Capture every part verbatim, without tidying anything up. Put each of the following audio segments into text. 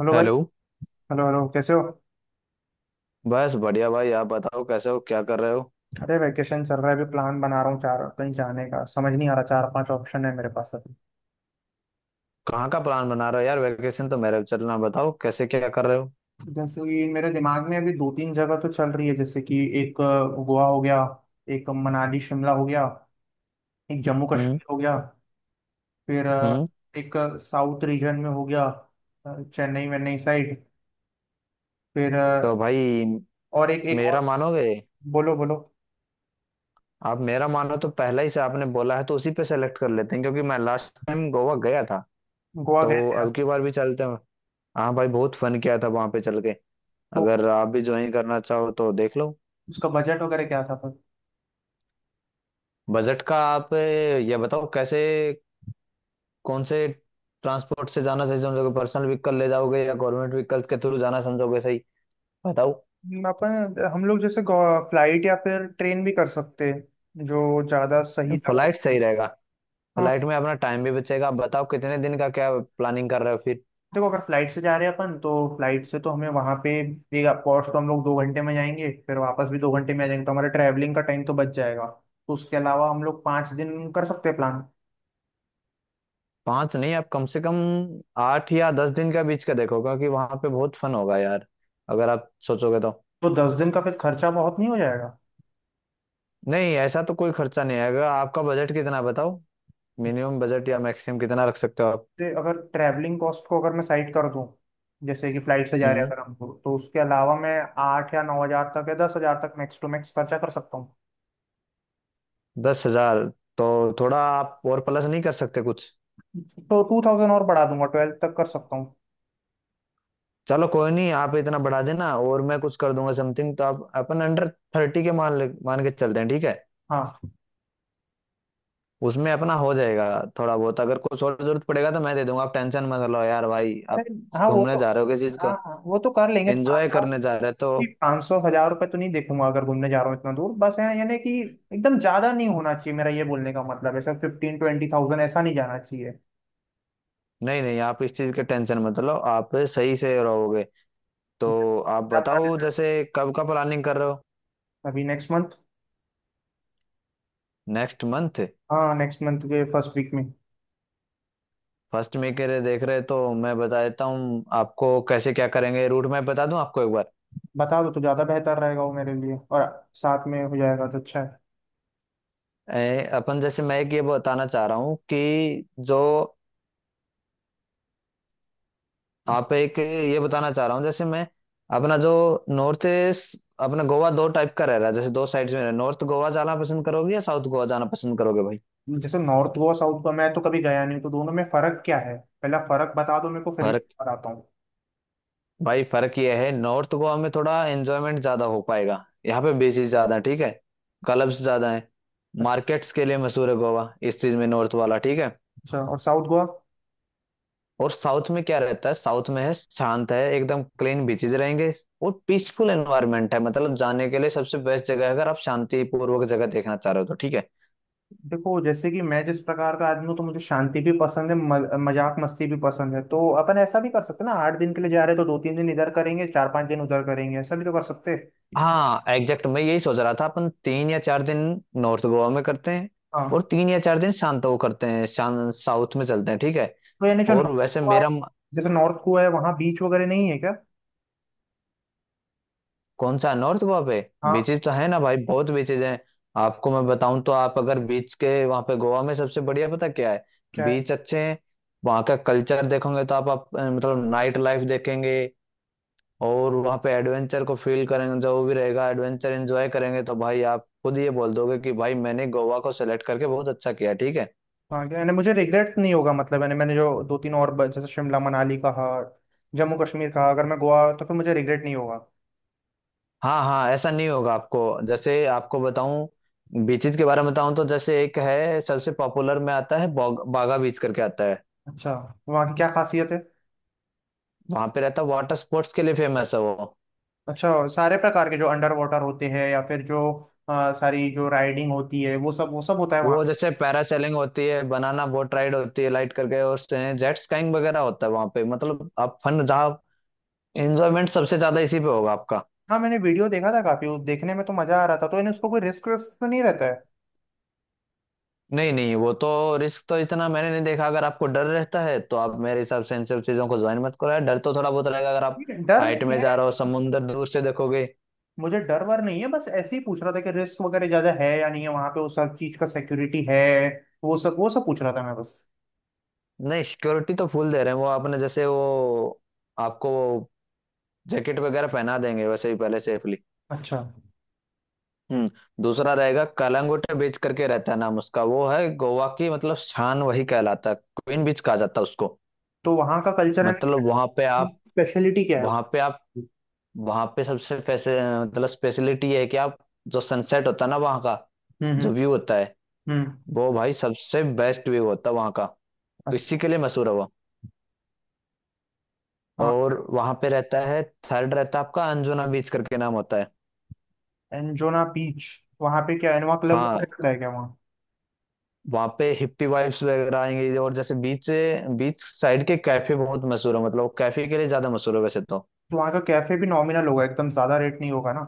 Hello भाई। Hello. Hello hello कैसे हो। बस बढ़िया भाई, आप बताओ कैसे हो, क्या कर रहे हो? अरे वैकेशन चल रहा है, अभी प्लान बना रहा हूँ चार कहीं जाने का, समझ नहीं आ रहा, चार पांच ऑप्शन है मेरे पास अभी। कहाँ का प्लान बना रहे हो यार? वैकेशन तो मेरे चलना, बताओ कैसे, क्या कर रहे हो? जैसे कि मेरे दिमाग में अभी दो तीन जगह तो चल रही है। जैसे कि एक अ, गोवा हो गया। एक मनाली शिमला हो गया। एक जम्मू हम्म। कश्मीर हो गया। फिर अ, हम्म। एक साउथ रीजन में हो गया। अ, चेन्नई वेन्नई साइड। फिर तो अ, भाई, और एक एक मेरा और। मानोगे? बोलो बोलो। आप मेरा मानो तो पहले ही से आपने बोला है तो उसी पे सेलेक्ट कर लेते हैं क्योंकि मैं लास्ट टाइम गोवा गया था गोवा तो गए थे यार। अब की बार भी चलते हैं। हाँ भाई, बहुत फन किया था वहां पे चल के। तो अगर आप भी ज्वाइन करना चाहो तो देख लो। उसका बजट वगैरह क्या था। बजट का आप ये बताओ कैसे, कौन से ट्रांसपोर्ट से जाना सही समझोगे, पर्सनल व्हीकल ले जाओगे या गवर्नमेंट व्हीकल्स के थ्रू जाना समझोगे सही? बताओ। हम- अपन हम लोग जैसे फ्लाइट या फिर ट्रेन भी कर सकते हैं, जो ज़्यादा सही फ्लाइट लगा। सही रहेगा। हाँ। फ्लाइट में अपना टाइम भी बचेगा। आप बताओ कितने दिन का क्या प्लानिंग कर रहे हो फिर? देखो अगर फ्लाइट से जा रहे हैं अपन, तो फ्लाइट से तो हमें वहाँ पे एक पहुँच, तो हम लोग दो घंटे में जाएंगे फिर वापस भी दो घंटे में आ जाएंगे, तो हमारा ट्रैवलिंग का टाइम तो बच जाएगा। तो उसके अलावा हम लोग पाँच दिन कर सकते हैं प्लान। पांच नहीं, आप कम से कम आठ या दस दिन का बीच का देखो क्योंकि वहां पे बहुत फन होगा यार अगर आप सोचोगे तो। तो दस दिन का फिर खर्चा बहुत नहीं हो जाएगा? नहीं, ऐसा तो कोई खर्चा नहीं आएगा। आपका बजट कितना है बताओ? मिनिमम बजट या मैक्सिमम कितना रख सकते हो आप? जैसे अगर ट्रैवलिंग कॉस्ट को अगर मैं साइड कर दूं, जैसे कि फ्लाइट से जा रहे हैं हम्म। अगर हमको, तो उसके अलावा मैं आठ या नौ हज़ार तक या दस हज़ार तक मैक्स टू मैक्स खर्चा कर सकता। दस हजार तो। थोड़ा आप और प्लस नहीं कर सकते कुछ? तो टू थाउजेंड और बढ़ा दूंगा, ट्वेल्थ तक कर सकता हूँ। चलो कोई नहीं, आप इतना बढ़ा देना और मैं कुछ कर दूंगा समथिंग। तो आप अपन अंडर थर्टी के मान ले- मान के चलते हैं, ठीक है? हाँ। उसमें अपना हो जाएगा। थोड़ा बहुत अगर कुछ और जरूरत पड़ेगा तो मैं दे दूंगा, आप टेंशन मत लो यार भाई। आप अरे, हाँ वो घूमने तो। जा रहे हो किस चीज हाँ को? हाँ वो तो कर लेंगे, तो एंजॉय करने जा आपकी। रहे हो तो। पाँच सौ हजार रुपये तो नहीं देखूंगा अगर घूमने जा रहा हूँ इतना दूर, बस है यानी कि एकदम ज्यादा नहीं होना चाहिए, मेरा ये बोलने का मतलब है सर, फिफ्टीन ट्वेंटी थाउजेंड ऐसा नहीं जाना चाहिए। नहीं नहीं, आप इस चीज के टेंशन मत लो, आप सही से रहोगे तो। आप क्या plan है बताओ सर? जैसे कब का प्लानिंग कर रहे हो? अभी नेक्स्ट मंथ। नेक्स्ट मंथ हाँ, नेक्स्ट मंथ के फर्स्ट वीक में। फर्स्ट में के लिए देख रहे हो तो मैं बता देता हूँ आपको कैसे क्या करेंगे, रूट मैप बता दूं आपको एक बार। बता दो तो ज्यादा बेहतर रहेगा वो मेरे लिए, और साथ में हो जाएगा तो अच्छा है। ए, अपन जैसे, मैं एक ये बताना चाह रहा हूँ कि जो आप एक ये बताना चाह रहा हूँ जैसे, मैं अपना जो नॉर्थ ईस्ट, अपना गोवा दो टाइप का रह रहा है, जैसे दो साइड्स में रह, नॉर्थ गोवा जाना पसंद करोगे या साउथ गोवा जाना पसंद करोगे भाई? जैसे नॉर्थ गोवा साउथ गोवा मैं तो कभी गया नहीं हूँ, तो दोनों में फर्क क्या है, पहला फर्क बता दो मेरे को, फिर मैं फर्क बताता हूँ। भाई फर्क ये है, नॉर्थ गोवा में थोड़ा एंजॉयमेंट ज्यादा हो पाएगा, यहाँ पे बीचेस ज्यादा है, ठीक है। क्लब्स ज्यादा है, मार्केट्स के लिए मशहूर है गोवा इस चीज में, नॉर्थ वाला, ठीक है। अच्छा, और साउथ गोवा? और साउथ में क्या रहता है? साउथ में है शांत, है एकदम क्लीन बीचेज रहेंगे और पीसफुल एनवायरनमेंट है। मतलब जाने के लिए सबसे बेस्ट जगह है अगर आप शांतिपूर्वक जगह देखना चाह रहे हो तो, ठीक है। देखो, जैसे कि मैं जिस प्रकार का आदमी हूँ तो मुझे शांति भी पसंद है, मज, मजाक मस्ती भी पसंद है, तो अपन ऐसा भी कर सकते हैं ना, आठ दिन के लिए जा रहे हैं तो दो तीन दिन इधर करेंगे चार पांच दिन उधर करेंगे, ऐसा भी तो कर सकते हैं। हाँ एग्जैक्ट मैं यही सोच रहा था, अपन तीन या चार दिन नॉर्थ गोवा में करते हैं और हाँ। तीन या चार दिन शांत वो करते हैं, शान साउथ में चलते हैं, ठीक है। तो यानी जो और नॉर्थ वैसे गोवा है, मेरा जैसे नॉर्थ गोवा है वहाँ बीच वगैरह नहीं है क्या? कौन सा नॉर्थ वहां पे? हाँ। बीचेस तो है ना भाई, बहुत बीचेस हैं। आपको मैं बताऊं तो आप अगर बीच के वहां पे गोवा में सबसे बढ़िया पता क्या है? क्या है? बीच अच्छे हैं, वहां का कल्चर देखोगे तो आप, आप अ, मतलब नाइट लाइफ देखेंगे और वहां पे एडवेंचर को फील करेंगे, जो भी रहेगा एडवेंचर एंजॉय करेंगे तो भाई आप खुद ये बोल दोगे कि भाई मैंने गोवा को सेलेक्ट करके बहुत अच्छा किया, ठीक है। हाँ क्या, यानी मुझे रिग्रेट नहीं होगा? मतलब यानी मैंने जो दो तीन और ब- जैसे शिमला मनाली कहा, जम्मू कश्मीर कहा, अगर मैं गोवा तो फिर मुझे रिग्रेट नहीं होगा? हाँ हाँ, ऐसा नहीं होगा आपको। जैसे आपको बताऊं बीचेस के बारे में बताऊं तो जैसे एक है सबसे पॉपुलर में आता है, बोग- बागा बीच करके आता है। अच्छा, वहाँ की क्या खासियत है? वहां पे रहता वाटर स्पोर्ट्स के लिए फेमस है वो। अच्छा, सारे प्रकार के जो अंडर वाटर होते हैं या फिर जो अ, सारी जो राइडिंग होती है वो सब वो सब होता है वहाँ वो पे? जैसे पैरासेलिंग होती है, बनाना बोट राइड होती है लाइट करके, और जेट स्काइंग वगैरह होता है वहां पे। मतलब आप फन जहाँ एंजॉयमेंट सबसे ज्यादा इसी पे होगा आपका। हाँ, मैंने वीडियो देखा था काफी, उस देखने में तो मजा आ रहा था, तो इन उसको कोई रिस्क विस्क तो नहीं रहता है? नहीं नहीं वो तो, रिस्क तो इतना मैंने नहीं देखा, अगर आपको डर रहता है तो आप मेरे हिसाब से इन सब चीजों को ज्वाइन मत करो यार, डर तो थोड़ा बहुत रहेगा अगर आप ठीक है, डर हाइट नहीं में है। जा रहे हो, समुंदर दूर से देखोगे। मुझे डर वर नहीं है, बस ऐसे ही पूछ रहा था कि रिस्क वगैरह ज्यादा है या नहीं है वहाँ पे, वो सब चीज का सिक्योरिटी है, वो सब वो सब पूछ रहा था मैं बस। नहीं, सिक्योरिटी तो फुल दे रहे हैं वो। आपने जैसे वो, आपको वो जैकेट वगैरह पहना देंगे वैसे ही पहले सेफली। अच्छा, हम्म। दूसरा रहेगा कलंगुट बीच करके रहता है नाम उसका, वो है गोवा की मतलब शान, वही कहलाता है, क्वीन बीच कहा जाता है उसको। तो वहाँ का कल्चर एंड मतलब वहां पे आप स्पेशलिटी क्या है उसकी? वहां पे आप वहां पे सबसे पैसे, मतलब स्पेशलिटी ये है कि आप, जो सनसेट होता है ना वहां का, हम्म हम्म जो व्यू होता है, हम्म। वो भाई सबसे बेस्ट व्यू होता है वहां का। तो इसी अच्छा। के लिए मशहूर है वो। हाँ। और वहां पे रहता है, थर्ड रहता है आपका अंजुना बीच करके नाम होता है। एंजोना बीच, वहाँ पे क्या इनोवा क्लब हाँ, रहता है क्या वहाँ? वहां पे हिप्पी वाइब्स वगैरह आएंगी और जैसे बीच बीच साइड के कैफे बहुत मशहूर है, मतलब कैफे के लिए ज्यादा मशहूर है वैसे तो। वहाँ का कैफे भी नॉमिनल होगा, एकदम ज्यादा रेट नहीं होगा ना?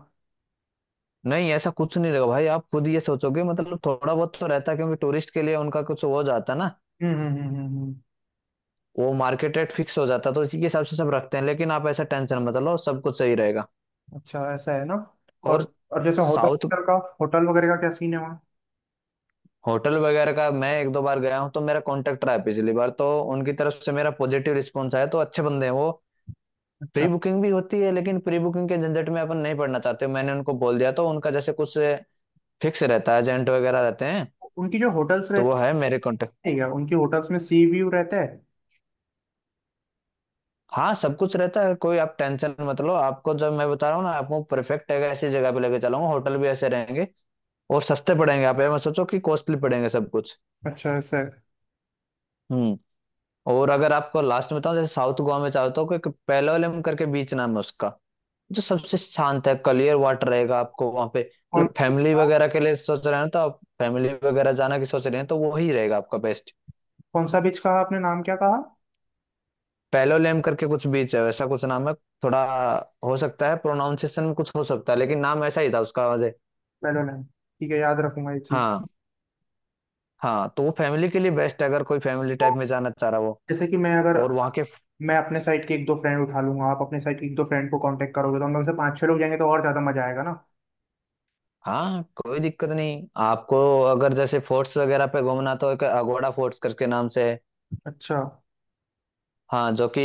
नहीं, ऐसा कुछ नहीं रहेगा भाई, आप खुद ये सोचोगे, मतलब थोड़ा बहुत तो रहता है क्योंकि टूरिस्ट के लिए उनका कुछ हो जाता है ना, हम्म हम्म हम्म हम्म, हम्म। वो मार्केट रेट फिक्स हो जाता है तो इसी के हिसाब से सब रखते हैं, लेकिन आप ऐसा टेंशन मत लो, सब कुछ सही रहेगा। अच्छा, ऐसा है ना। और। और और जैसे साउथ होटल का, होटल वगैरह का क्या सीन है वहाँ? होटल वगैरह का, मैं एक दो बार गया हूँ तो मेरा कॉन्टेक्ट रहा है, पिछली बार तो उनकी तरफ से मेरा पॉजिटिव रिस्पॉन्स आया तो अच्छे बंदे हैं वो। प्री अच्छा। बुकिंग भी होती है लेकिन प्री बुकिंग के झंझट में अपन नहीं पड़ना चाहते, मैंने उनको बोल दिया तो उनका जैसे कुछ फिक्स रहता है, एजेंट वगैरह रहते हैं, उनकी जो होटल्स तो वो रहती है मेरे कॉन्टेक्ट। है क्या, उनकी होटल्स में सी व्यू रहता है? हाँ, सब कुछ रहता है, कोई आप टेंशन मत लो, आपको जब मैं बता रहा हूँ ना, आपको परफेक्ट है ऐसी जगह पे लेके चलाऊंगा, होटल भी ऐसे रहेंगे और सस्ते पड़ेंगे, आप ये मत सोचो कि कॉस्टली पड़ेंगे सब कुछ। अच्छा ऐसा है। हम्म। और अगर आपको लास्ट में बताऊँ, जैसे साउथ गोवा में चाहता हूँ कि पेलोलम करके बीच नाम है उसका, जो सबसे शांत है, क्लियर वाटर रहेगा आपको वहां पे। कौन मतलब फैमिली वगैरह के लिए सोच रहे हैं तो, आप फैमिली वगैरह जाना की सोच रहे हैं तो वो ही रहेगा आपका बेस्ट। कौन सा बीच कहा आपने, नाम क्या कहा? पैलोलेम करके कुछ बीच है, वैसा कुछ नाम है थोड़ा, हो सकता है प्रोनाउंसिएशन में कुछ हो सकता है लेकिन नाम ऐसा ही था उसका मुझे। मेडोलैंड। ठीक है, याद रखूंगा ये चीज। हाँ हाँ, तो वो फैमिली के लिए बेस्ट है अगर कोई फैमिली टाइप में जाना चाह रहा हो। जैसे कि मैं अगर, और वहाँ के, मैं अपने साइड के एक दो फ्रेंड उठा लूंगा, आप अपने साइड के एक दो फ्रेंड को कांटेक्ट करोगे तो हम लोग से पाँच छह लोग जाएंगे तो और ज्यादा मजा आएगा ना। हाँ कोई दिक्कत नहीं आपको। अगर जैसे फोर्ट्स वगैरह पे घूमना तो एक अगोड़ा फोर्ट्स करके नाम से है, अच्छा। हाँ, जो कि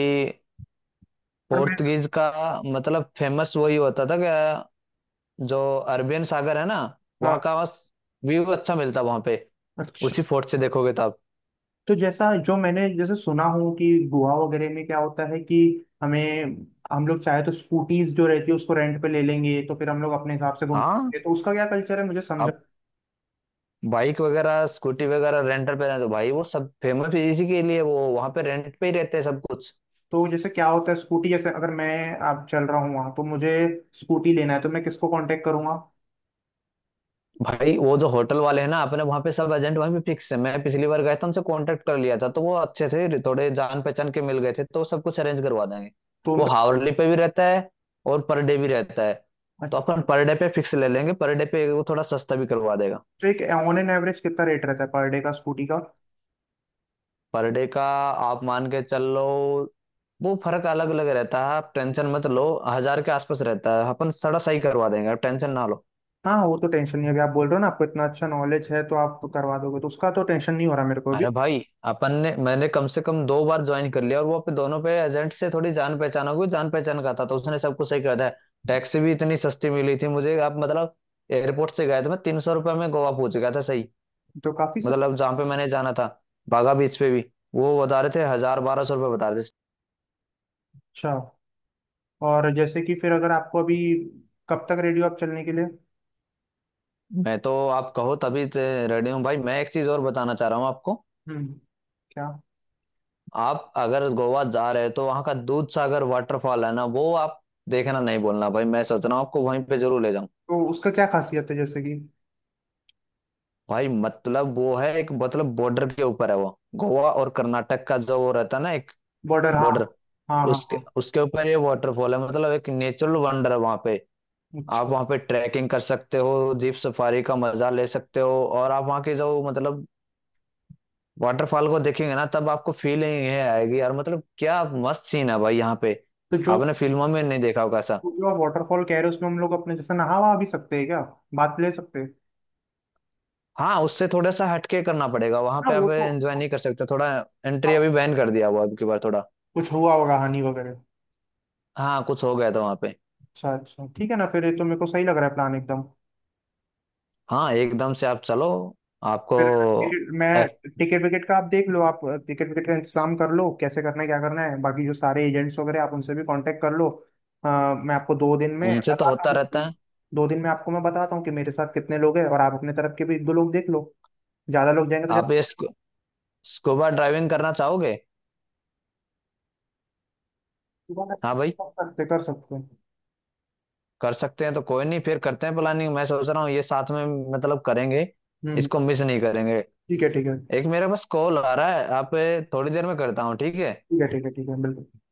पर मैं। पोर्तुगीज का, मतलब फेमस वही होता था कि जो अरबियन सागर है ना, वहां हाँ। का व्यू अच्छा मिलता वहां पे, अच्छा, उसी फोर्ट से देखोगे तो आप। तो जैसा जो मैंने जैसे सुना हूँ कि गोवा वगैरह में क्या होता है कि हमें, हम लोग चाहे तो स्कूटीज जो रहती है उसको रेंट पे ले लेंगे तो फिर हम लोग अपने हिसाब से हाँ, घूमेंगे, तो उसका क्या कल्चर है मुझे समझा। आप बाइक वगैरह स्कूटी वगैरह रेंटल पे रहते तो भाई वो सब फेमस इसी के लिए, वो वहां पे रेंट पे ही रहते हैं सब कुछ। तो जैसे क्या होता है स्कूटी, जैसे अगर मैं आप चल रहा हूँ वहाँ तो मुझे स्कूटी लेना है तो मैं किसको कांटेक्ट करूंगा? भाई वो जो होटल वाले हैं ना अपने, वहां पे सब एजेंट वहीं पे फिक्स है, मैं पिछली बार गया था उनसे कांटेक्ट कर लिया था तो वो अच्छे थे, थोड़े जान पहचान के मिल गए थे तो वो सब कुछ अरेंज करवा देंगे। तो वो उनका। हावरली पे भी रहता है और पर डे भी रहता है, तो अपन पर डे पे फिक्स ले लेंगे, पर डे पे वो थोड़ा सस्ता भी करवा देगा। तो एक ऑन एन एवरेज कितना रेट रहता है पर डे का स्कूटी का? पर डे का आप मान के चल लो, वो फर्क अलग अलग रहता है, आप टेंशन मत लो, हजार के आसपास रहता है, अपन थोड़ा सही करवा देंगे, आप टेंशन ना लो। हाँ वो तो टेंशन नहीं है अभी, आप बोल रहे हो ना, आपको इतना अच्छा नॉलेज है तो आप करवा दोगे तो उसका तो टेंशन नहीं हो रहा मेरे को अभी। अरे भाई, अपन ने मैंने कम से कम दो बार ज्वाइन कर लिया और वो पे दोनों पे एजेंट से थोड़ी जान पहचान हो गई, जान पहचान का था तो उसने सब कुछ सही कर दिया। टैक्सी भी इतनी सस्ती मिली थी मुझे, आप मतलब एयरपोर्ट से गया था मैं, तीन सौ रुपये में गोवा पहुंच गया था, सही। तो काफी सब। मतलब जहाँ पे मैंने जाना था बागा बीच पे भी, वो बता रहे थे हजार बारह सौ रुपये बता रहे थे। अच्छा, और जैसे कि फिर अगर आपको अभी, कब तक रेडी हो आप चलने के लिए? मैं तो आप कहो तभी रेडी हूँ भाई, मैं एक चीज और बताना चाह रहा हूँ आपको। हम्म। क्या? आप अगर गोवा जा रहे हो तो वहाँ का दूध सागर वाटरफॉल है ना वो आप देखना, नहीं बोलना भाई मैं सोच रहा हूँ आपको वहीं पे जरूर ले जाऊँ। तो उसका क्या खासियत है जैसे कि? भाई मतलब वो है एक, मतलब बॉर्डर के ऊपर है वो, गोवा और कर्नाटक का जो वो रहता है ना एक बॉर्डर हाँ। बॉर्डर, हाँ हाँ उसके हाँ। उसके ऊपर ये वाटरफॉल है, मतलब एक नेचुरल वंडर है वहाँ पे। आप अच्छा। वहाँ पे ट्रैकिंग कर सकते हो, जीप सफारी का मजा ले सकते हो, और आप वहाँ के जो मतलब वाटरफॉल को देखेंगे ना तब आपको फीलिंग ये आएगी यार, मतलब क्या मस्त सीन है भाई यहाँ पे, तो जो आपने फिल्मों में नहीं देखा होगा ऐसा। जो आप वाटरफॉल कह रहे हो उसमें हम लोग अपने जैसे नहा वहा भी सकते हैं क्या, बात ले सकते हैं? हाँ, उससे थोड़ा सा हटके करना पड़ेगा, वहां हाँ पे वो आप तो। एंजॉय नहीं कर सकते थोड़ा, एंट्री हाँ, अभी बैन कर दिया हुआ है अब की बार थोड़ा। कुछ हुआ होगा हानि वगैरह। हाँ, कुछ हो गया था वहां पे। अच्छा अच्छा, ठीक है ना, फिर ये तो मेरे को सही लग रहा है प्लान एकदम। हाँ एकदम से आप चलो, आपको फिर। फिर मैं, एक-, टिकट विकेट का आप देख लो, आप टिकट विकेट का इंतजाम कर लो, कैसे करना है क्या करना है, बाकी जो सारे एजेंट्स वगैरह आप उनसे भी कांटेक्ट कर लो। अ, मैं आपको दो दिन में उनसे तो बताता होता हूँ रहता कि- है। दो दिन में आपको मैं बताता हूँ कि मेरे साथ कितने लोग हैं और आप अपने तरफ के भी एक दो लोग देख लो, ज्यादा लोग जाएंगे तो आप ये स्कू, स्कूबा ड्राइविंग करना चाहोगे? ज्यादा। हाँ भाई, कर सकते कर सकते हैं। कर सकते हैं तो कोई नहीं फिर करते हैं प्लानिंग, मैं सोच रहा हूँ ये साथ में मतलब करेंगे, हम्म। इसको मिस नहीं करेंगे। ठीक है ठीक है एक मेरे पास कॉल आ रहा है, आप ए, थोड़ी देर में करता हूँ, ठीक है। ठीक है, ठीक है ठीक है बिल्कुल।